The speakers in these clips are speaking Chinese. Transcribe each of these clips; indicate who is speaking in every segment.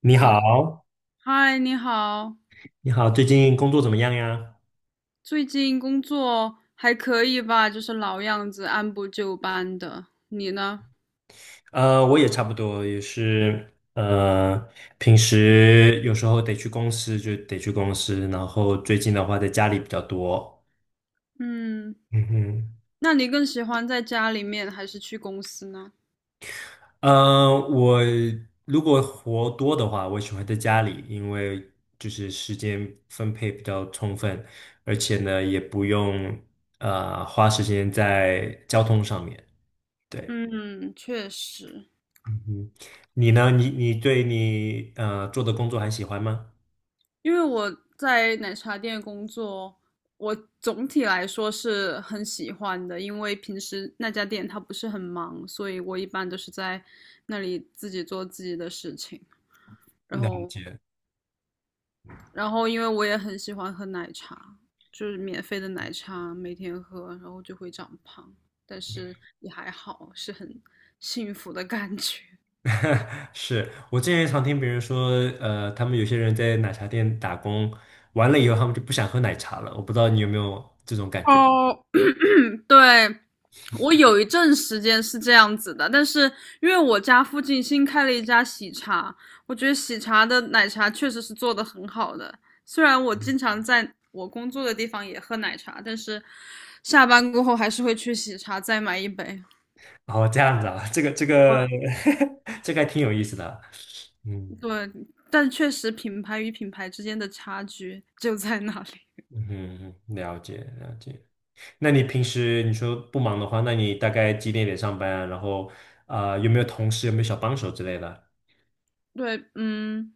Speaker 1: 你
Speaker 2: 好的，
Speaker 1: 好，
Speaker 2: 嗨，你好，
Speaker 1: 你好，最近工作怎么样呀？
Speaker 2: 最近工作还可以吧？就是老样子，按部就班的。你呢？
Speaker 1: 我也差不多，也是，平时有时候得去公司就得去公司，然后最近的话在家里比较多。
Speaker 2: 嗯，
Speaker 1: 嗯哼。
Speaker 2: 那你更喜欢在家里面还是去公司呢？
Speaker 1: 我如果活多的话，我喜欢在家里，因为就是时间分配比较充分，而且呢也不用花时间在交通上面。对。
Speaker 2: 嗯，确实，
Speaker 1: 嗯，你呢？你对你做的工作还喜欢吗？
Speaker 2: 因为我在奶茶店工作，我总体来说是很喜欢的，因为平时那家店它不是很忙，所以我一般都是在那里自己做自己的事情。然
Speaker 1: 了
Speaker 2: 后
Speaker 1: 解。
Speaker 2: 然后因为我也很喜欢喝奶茶，就是免费的奶茶每天喝，然后就会长胖，但是也还好，是很幸福的感觉。
Speaker 1: 是我之前常听别人说，他们有些人在奶茶店打工，完了以后他们就不想喝奶茶了。我不知道你有没有这种感觉？
Speaker 2: 哦，对，我有一阵时间是这样子的，但是因为我家附近新开了一家喜茶，我觉得喜茶的奶茶确实是做的很好的。虽然我经常在我工作的地方也喝奶茶，但是下班过后还是会去喜茶再买一杯。
Speaker 1: 哦，这样子啊，这个这
Speaker 2: 对，
Speaker 1: 个 这个还挺有意思的啊。嗯，
Speaker 2: 对，但确实品牌与品牌之间的差距就在那里。
Speaker 1: 嗯哼，了解了解。那你平时你说不忙的话，那你大概几点上班啊然后啊有没有同事，有没有小帮手之类的？
Speaker 2: 对，嗯，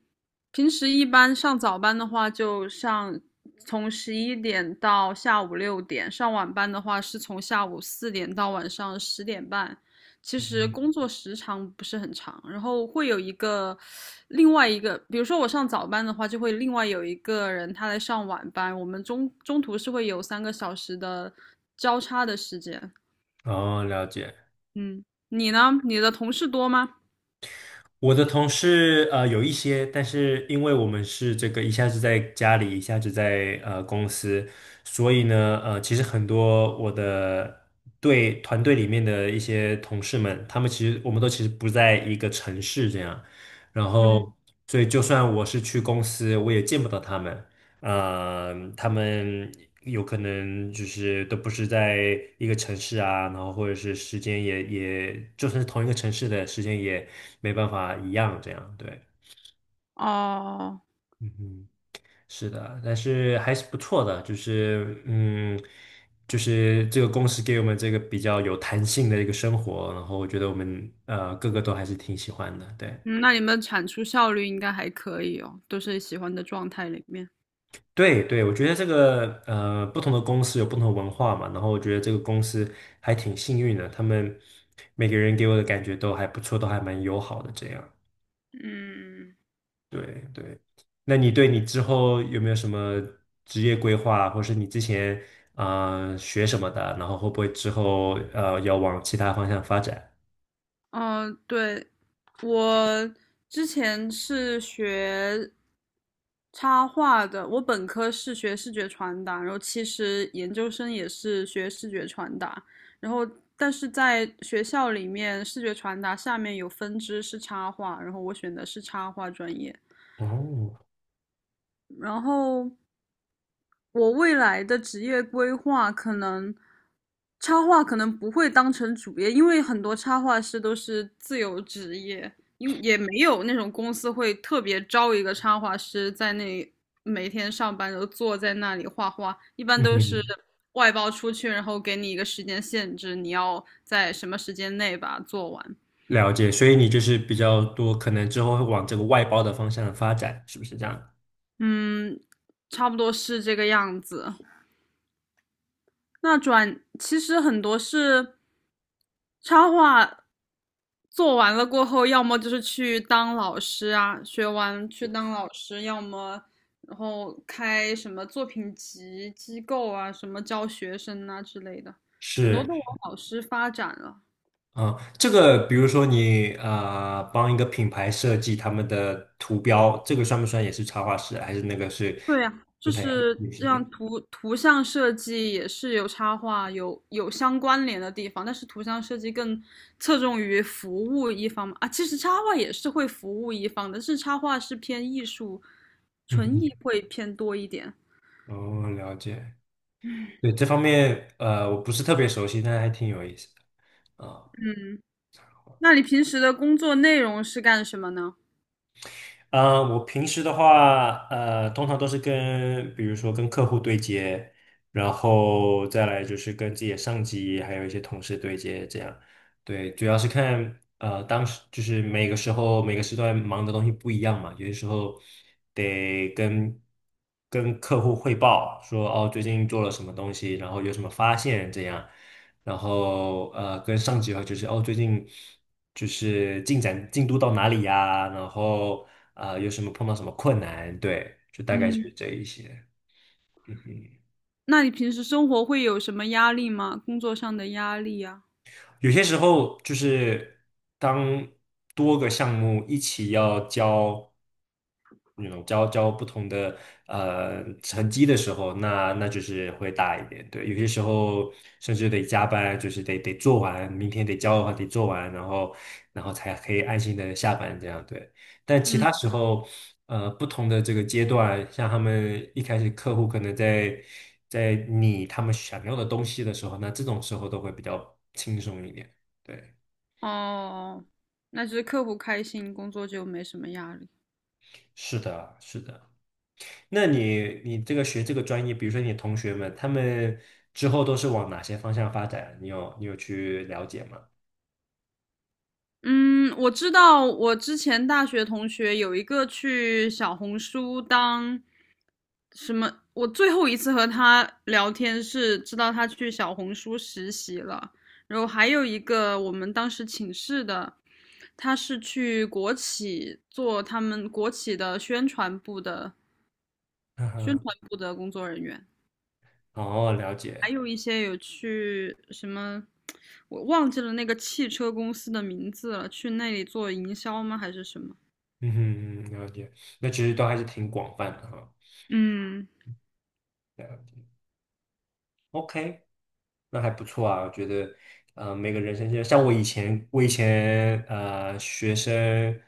Speaker 2: 平时一般上早班的话，就上从11点到下午6点；上晚班的话，是从下午4点到晚上10点半。其实
Speaker 1: 嗯。
Speaker 2: 工作时长不是很长，然后会有一个另外一个，比如说我上早班的话，就会另外有一个人他来上晚班，我们中途是会有3个小时的交叉的时间。
Speaker 1: 哦，了解。
Speaker 2: 嗯，你呢？你的同事多吗？
Speaker 1: 我的同事有一些，但是因为我们是这个一下子在家里，一下子在公司，所以呢，其实很多我的对团队里面的一些同事们，他们其实我们都其实不在一个城市这样，然嗯
Speaker 2: 嗯，
Speaker 1: 后所以就算我是去公司，我也见不到他们，嗯，他们有可能就是都不是在一个城市啊，然后或者是时间也，就算是同一个城市的时间也没办法一样，这样对。
Speaker 2: 哦，
Speaker 1: 嗯哼。是的，但是还是不错的，就是这个公司给我们这个比较有弹性的一个生活，然后我觉得我们个个都还是挺喜欢的。对。
Speaker 2: 嗯，那你们产出效率应该还可以哦，都是喜欢的状态里面。
Speaker 1: 对对，我觉得这个不同的公司有不同的文化嘛，然后我觉得这个公司还挺幸运的，他们每个人给我的感觉都还不错，都还蛮友好的这样。
Speaker 2: 嗯，
Speaker 1: 对对。那你对你之后有没有什么职业规划，或是你之前啊学什么的，然后会不会之后要往其他方向发展？
Speaker 2: 哦，对，我之前是学插画的，我本科是学视觉传达，然后其实研究生也是学视觉传达，然后但是在学校里面，视觉传达下面有分支是插画，然后我选的是插画专业，
Speaker 1: 哦，
Speaker 2: 然后。我未来的职业规划可能，插画可能不会当成主业，因为很多插画师都是自由职业，因为也没有那种公司会特别招一个插画师在那每天上班都坐在那里画画，一般都是
Speaker 1: 嗯，
Speaker 2: 外包出去，然后给你一个时间限制，你要在什么时间内把它做完。
Speaker 1: 了解，所以你就是比较多，可能之后会往这个外包的方向发展，是不是这样？
Speaker 2: 嗯，差不多是这个样子。那转其实很多是插画做完了过后，要么就是去当老师啊，学完去当老师，要么然后开什么作品集机构啊，什么教学生啊之类的，很多
Speaker 1: 是。
Speaker 2: 都往老师发展了。
Speaker 1: 嗯，这个比如说你啊，帮一个品牌设计他们的图标，这个算不算也是插画师？还是那个是
Speaker 2: 对呀，
Speaker 1: 不
Speaker 2: 就
Speaker 1: 太一样？
Speaker 2: 是
Speaker 1: 也是。
Speaker 2: 这 样图像设计也是有插画有相关联的地方，但是图像设计更侧重于服务一方嘛啊，其实插画也是会服务一方的，但是插画是偏艺术，纯艺
Speaker 1: 嗯。
Speaker 2: 会偏多一点。
Speaker 1: 哦，了解。对，这方面我不是特别熟悉，但还挺有意思的。啊。
Speaker 2: 嗯，那你平时的工作内容是干什么呢？
Speaker 1: 啊，我平时的话，通常都是跟，比如说跟客户对接，然后再来就是跟自己的上级，还有一些同事对接，这样。对，主要是看，当时就是每个时候每个时段忙的东西不一样嘛，有些时候得跟客户汇报说，哦，最近做了什么东西，然后有什么发现，这样。然后跟上级的话就是哦，最近就是进展进度到哪里呀？然后啊，有什么碰到什么困难？对，就大概就
Speaker 2: 嗯，
Speaker 1: 是这一些。嗯哼。
Speaker 2: 那你平时生活会有什么压力吗？工作上的压力呀？
Speaker 1: 有些时候就是当多个项目一起要交。那种交不同的成绩的时候，那就是会大一点。对，有些时候甚至得加班，就是得做完，明天得交的话得做完，然后才可以安心的下班这样。对，但其
Speaker 2: 嗯，
Speaker 1: 他时候，不同的这个阶段，像他们一开始客户可能在拟他们想要的东西的时候，那这种时候都会比较轻松一点。对，
Speaker 2: 哦，那就是客户开心，工作就没什么压力。
Speaker 1: 是的，是的。那你这个学这个专业，比如说你同学们，他们之后都是往哪些方向发展？你有去了解吗？
Speaker 2: 嗯，我知道，我之前大学同学有一个去小红书当什么，我最后一次和他聊天是知道他去小红书实习了，然后还有一个我们当时寝室的，他是去国企做他们国企的宣传部的
Speaker 1: 嗯
Speaker 2: 宣
Speaker 1: 哼。
Speaker 2: 传部的工作人员，
Speaker 1: 哦，了
Speaker 2: 还
Speaker 1: 解。
Speaker 2: 有一些有去什么。我忘记了那个汽车公司的名字了，去那里做营销吗？还是什么？
Speaker 1: 嗯哼。嗯了解，那其实都还是挺广泛的哈。
Speaker 2: 嗯，
Speaker 1: 了解，OK，那还不错啊，我觉得，每个人生阶段像我以前学生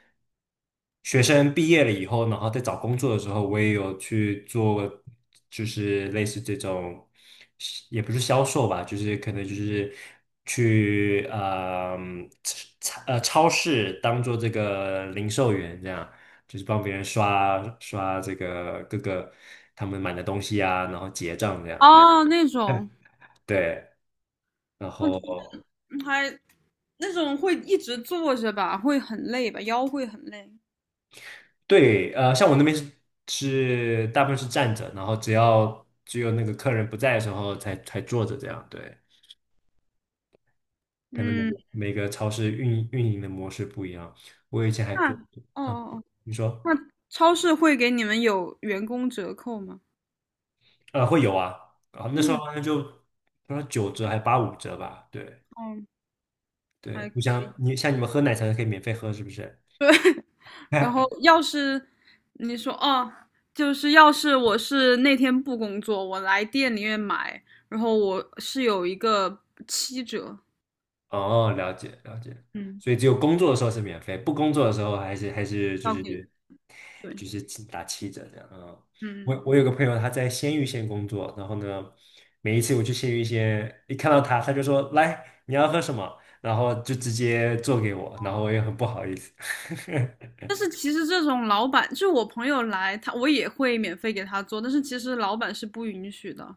Speaker 1: 学生毕业了以后，然后在找工作的时候，我也有去做，就是类似这种，也不是销售吧，就是可能就是去超市当做这个零售员这样，就是帮别人刷这个各个他们买的东西啊，然后结账这样的。
Speaker 2: 哦，那 种，
Speaker 1: 对。然
Speaker 2: 哦，就
Speaker 1: 后
Speaker 2: 是嗯还那种会一直坐着吧，会很累吧，腰会很累。
Speaker 1: 对，像我那边是是大部分是站着，然后只有那个客人不在的时候才坐着这样。对，可能每
Speaker 2: 嗯，
Speaker 1: 个每个超市运营的模式不一样。我以前还
Speaker 2: 那
Speaker 1: 做，
Speaker 2: 哦哦
Speaker 1: 嗯，
Speaker 2: 哦，
Speaker 1: 你说。
Speaker 2: 那超市会给你们有员工折扣吗？
Speaker 1: 会有啊，啊，那时候
Speaker 2: 嗯，
Speaker 1: 好像就不知道9折还8.5折吧？对。
Speaker 2: 哦，还，
Speaker 1: 对，你像你们喝奶茶可以免费喝是不是？
Speaker 2: 然后 要是你说哦，就是要是我是那天不工作，我来店里面买，然后我是有一个七折，
Speaker 1: 哦，了解了解，
Speaker 2: 嗯，
Speaker 1: 所以只有工作的时候是免费，不工作的时候还是就
Speaker 2: 要
Speaker 1: 是
Speaker 2: 给，对，
Speaker 1: 就是打7折这样啊。嗯
Speaker 2: 嗯嗯
Speaker 1: 我我
Speaker 2: 嗯。
Speaker 1: 有个朋友他在鲜芋仙工作，然后呢，每一次我去鲜芋仙，一看到他就说来你要喝什么，然后就直接做给我，然后我也很不好意思。
Speaker 2: 但是其实这种老板，就是我朋友来，他我也会免费给他做，但是其实老板是不允许的，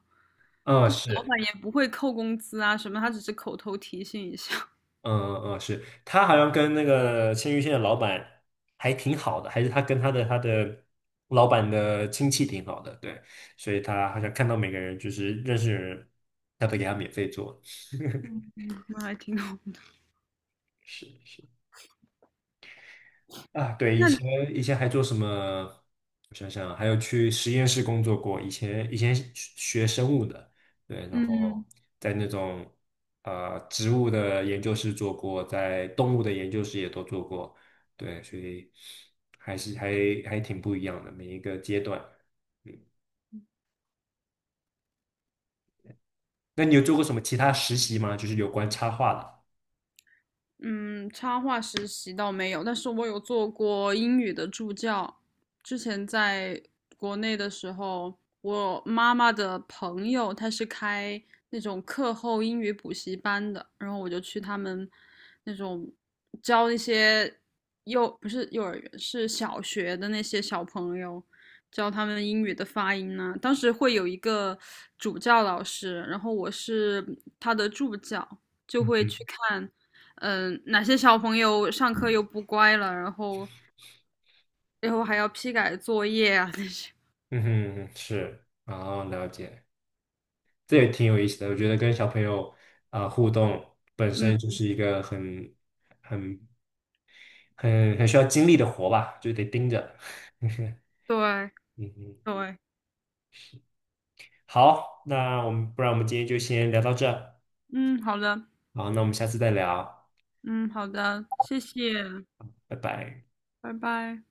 Speaker 1: 嗯，
Speaker 2: 就是老
Speaker 1: 是。
Speaker 2: 板也不会扣工资啊什么，他只是口头提醒一下，
Speaker 1: 嗯嗯，是他好像跟那个鲜芋仙的老板还挺好的，还是他跟他的老板的亲戚挺好的，对，所以他好像看到每个人就是认识的人，他都给他免费做。
Speaker 2: 那还挺好。
Speaker 1: 是是。啊，对，以
Speaker 2: 那
Speaker 1: 前以前还做什么？我想想，还有去实验室工作过。以前是学生物的，对，然后
Speaker 2: 嗯，
Speaker 1: 在那种植物的研究室做过，在动物的研究室也都做过，对，所以还是还还挺不一样的每一个阶段。嗯，那你有做过什么其他实习吗？就是有关插画的。
Speaker 2: 嗯，插画实习倒没有，但是我有做过英语的助教。之前在国内的时候，我妈妈的朋友她是开那种课后英语补习班的，然后我就去他们那种教一些幼，不是幼儿园，是小学的那些小朋友，教他们英语的发音呢，当时会有一个主教老师，然后我是他的助教，就会
Speaker 1: 嗯。
Speaker 2: 去看。哪些小朋友上课又不乖了，然后最后还要批改作业啊那些。
Speaker 1: 嗯哼。是，然后了解。这也挺有意思的。我觉得跟小朋友啊互动本身
Speaker 2: 嗯，
Speaker 1: 就是一个很很需要精力的活吧，就得盯着。嗯。
Speaker 2: 对
Speaker 1: 嗯，
Speaker 2: 对，
Speaker 1: 好，那不然我们今天就先聊到这儿。
Speaker 2: 嗯，好的，
Speaker 1: 好，那我们下次再聊，
Speaker 2: 嗯，好的，谢谢，
Speaker 1: 拜拜。
Speaker 2: 拜拜。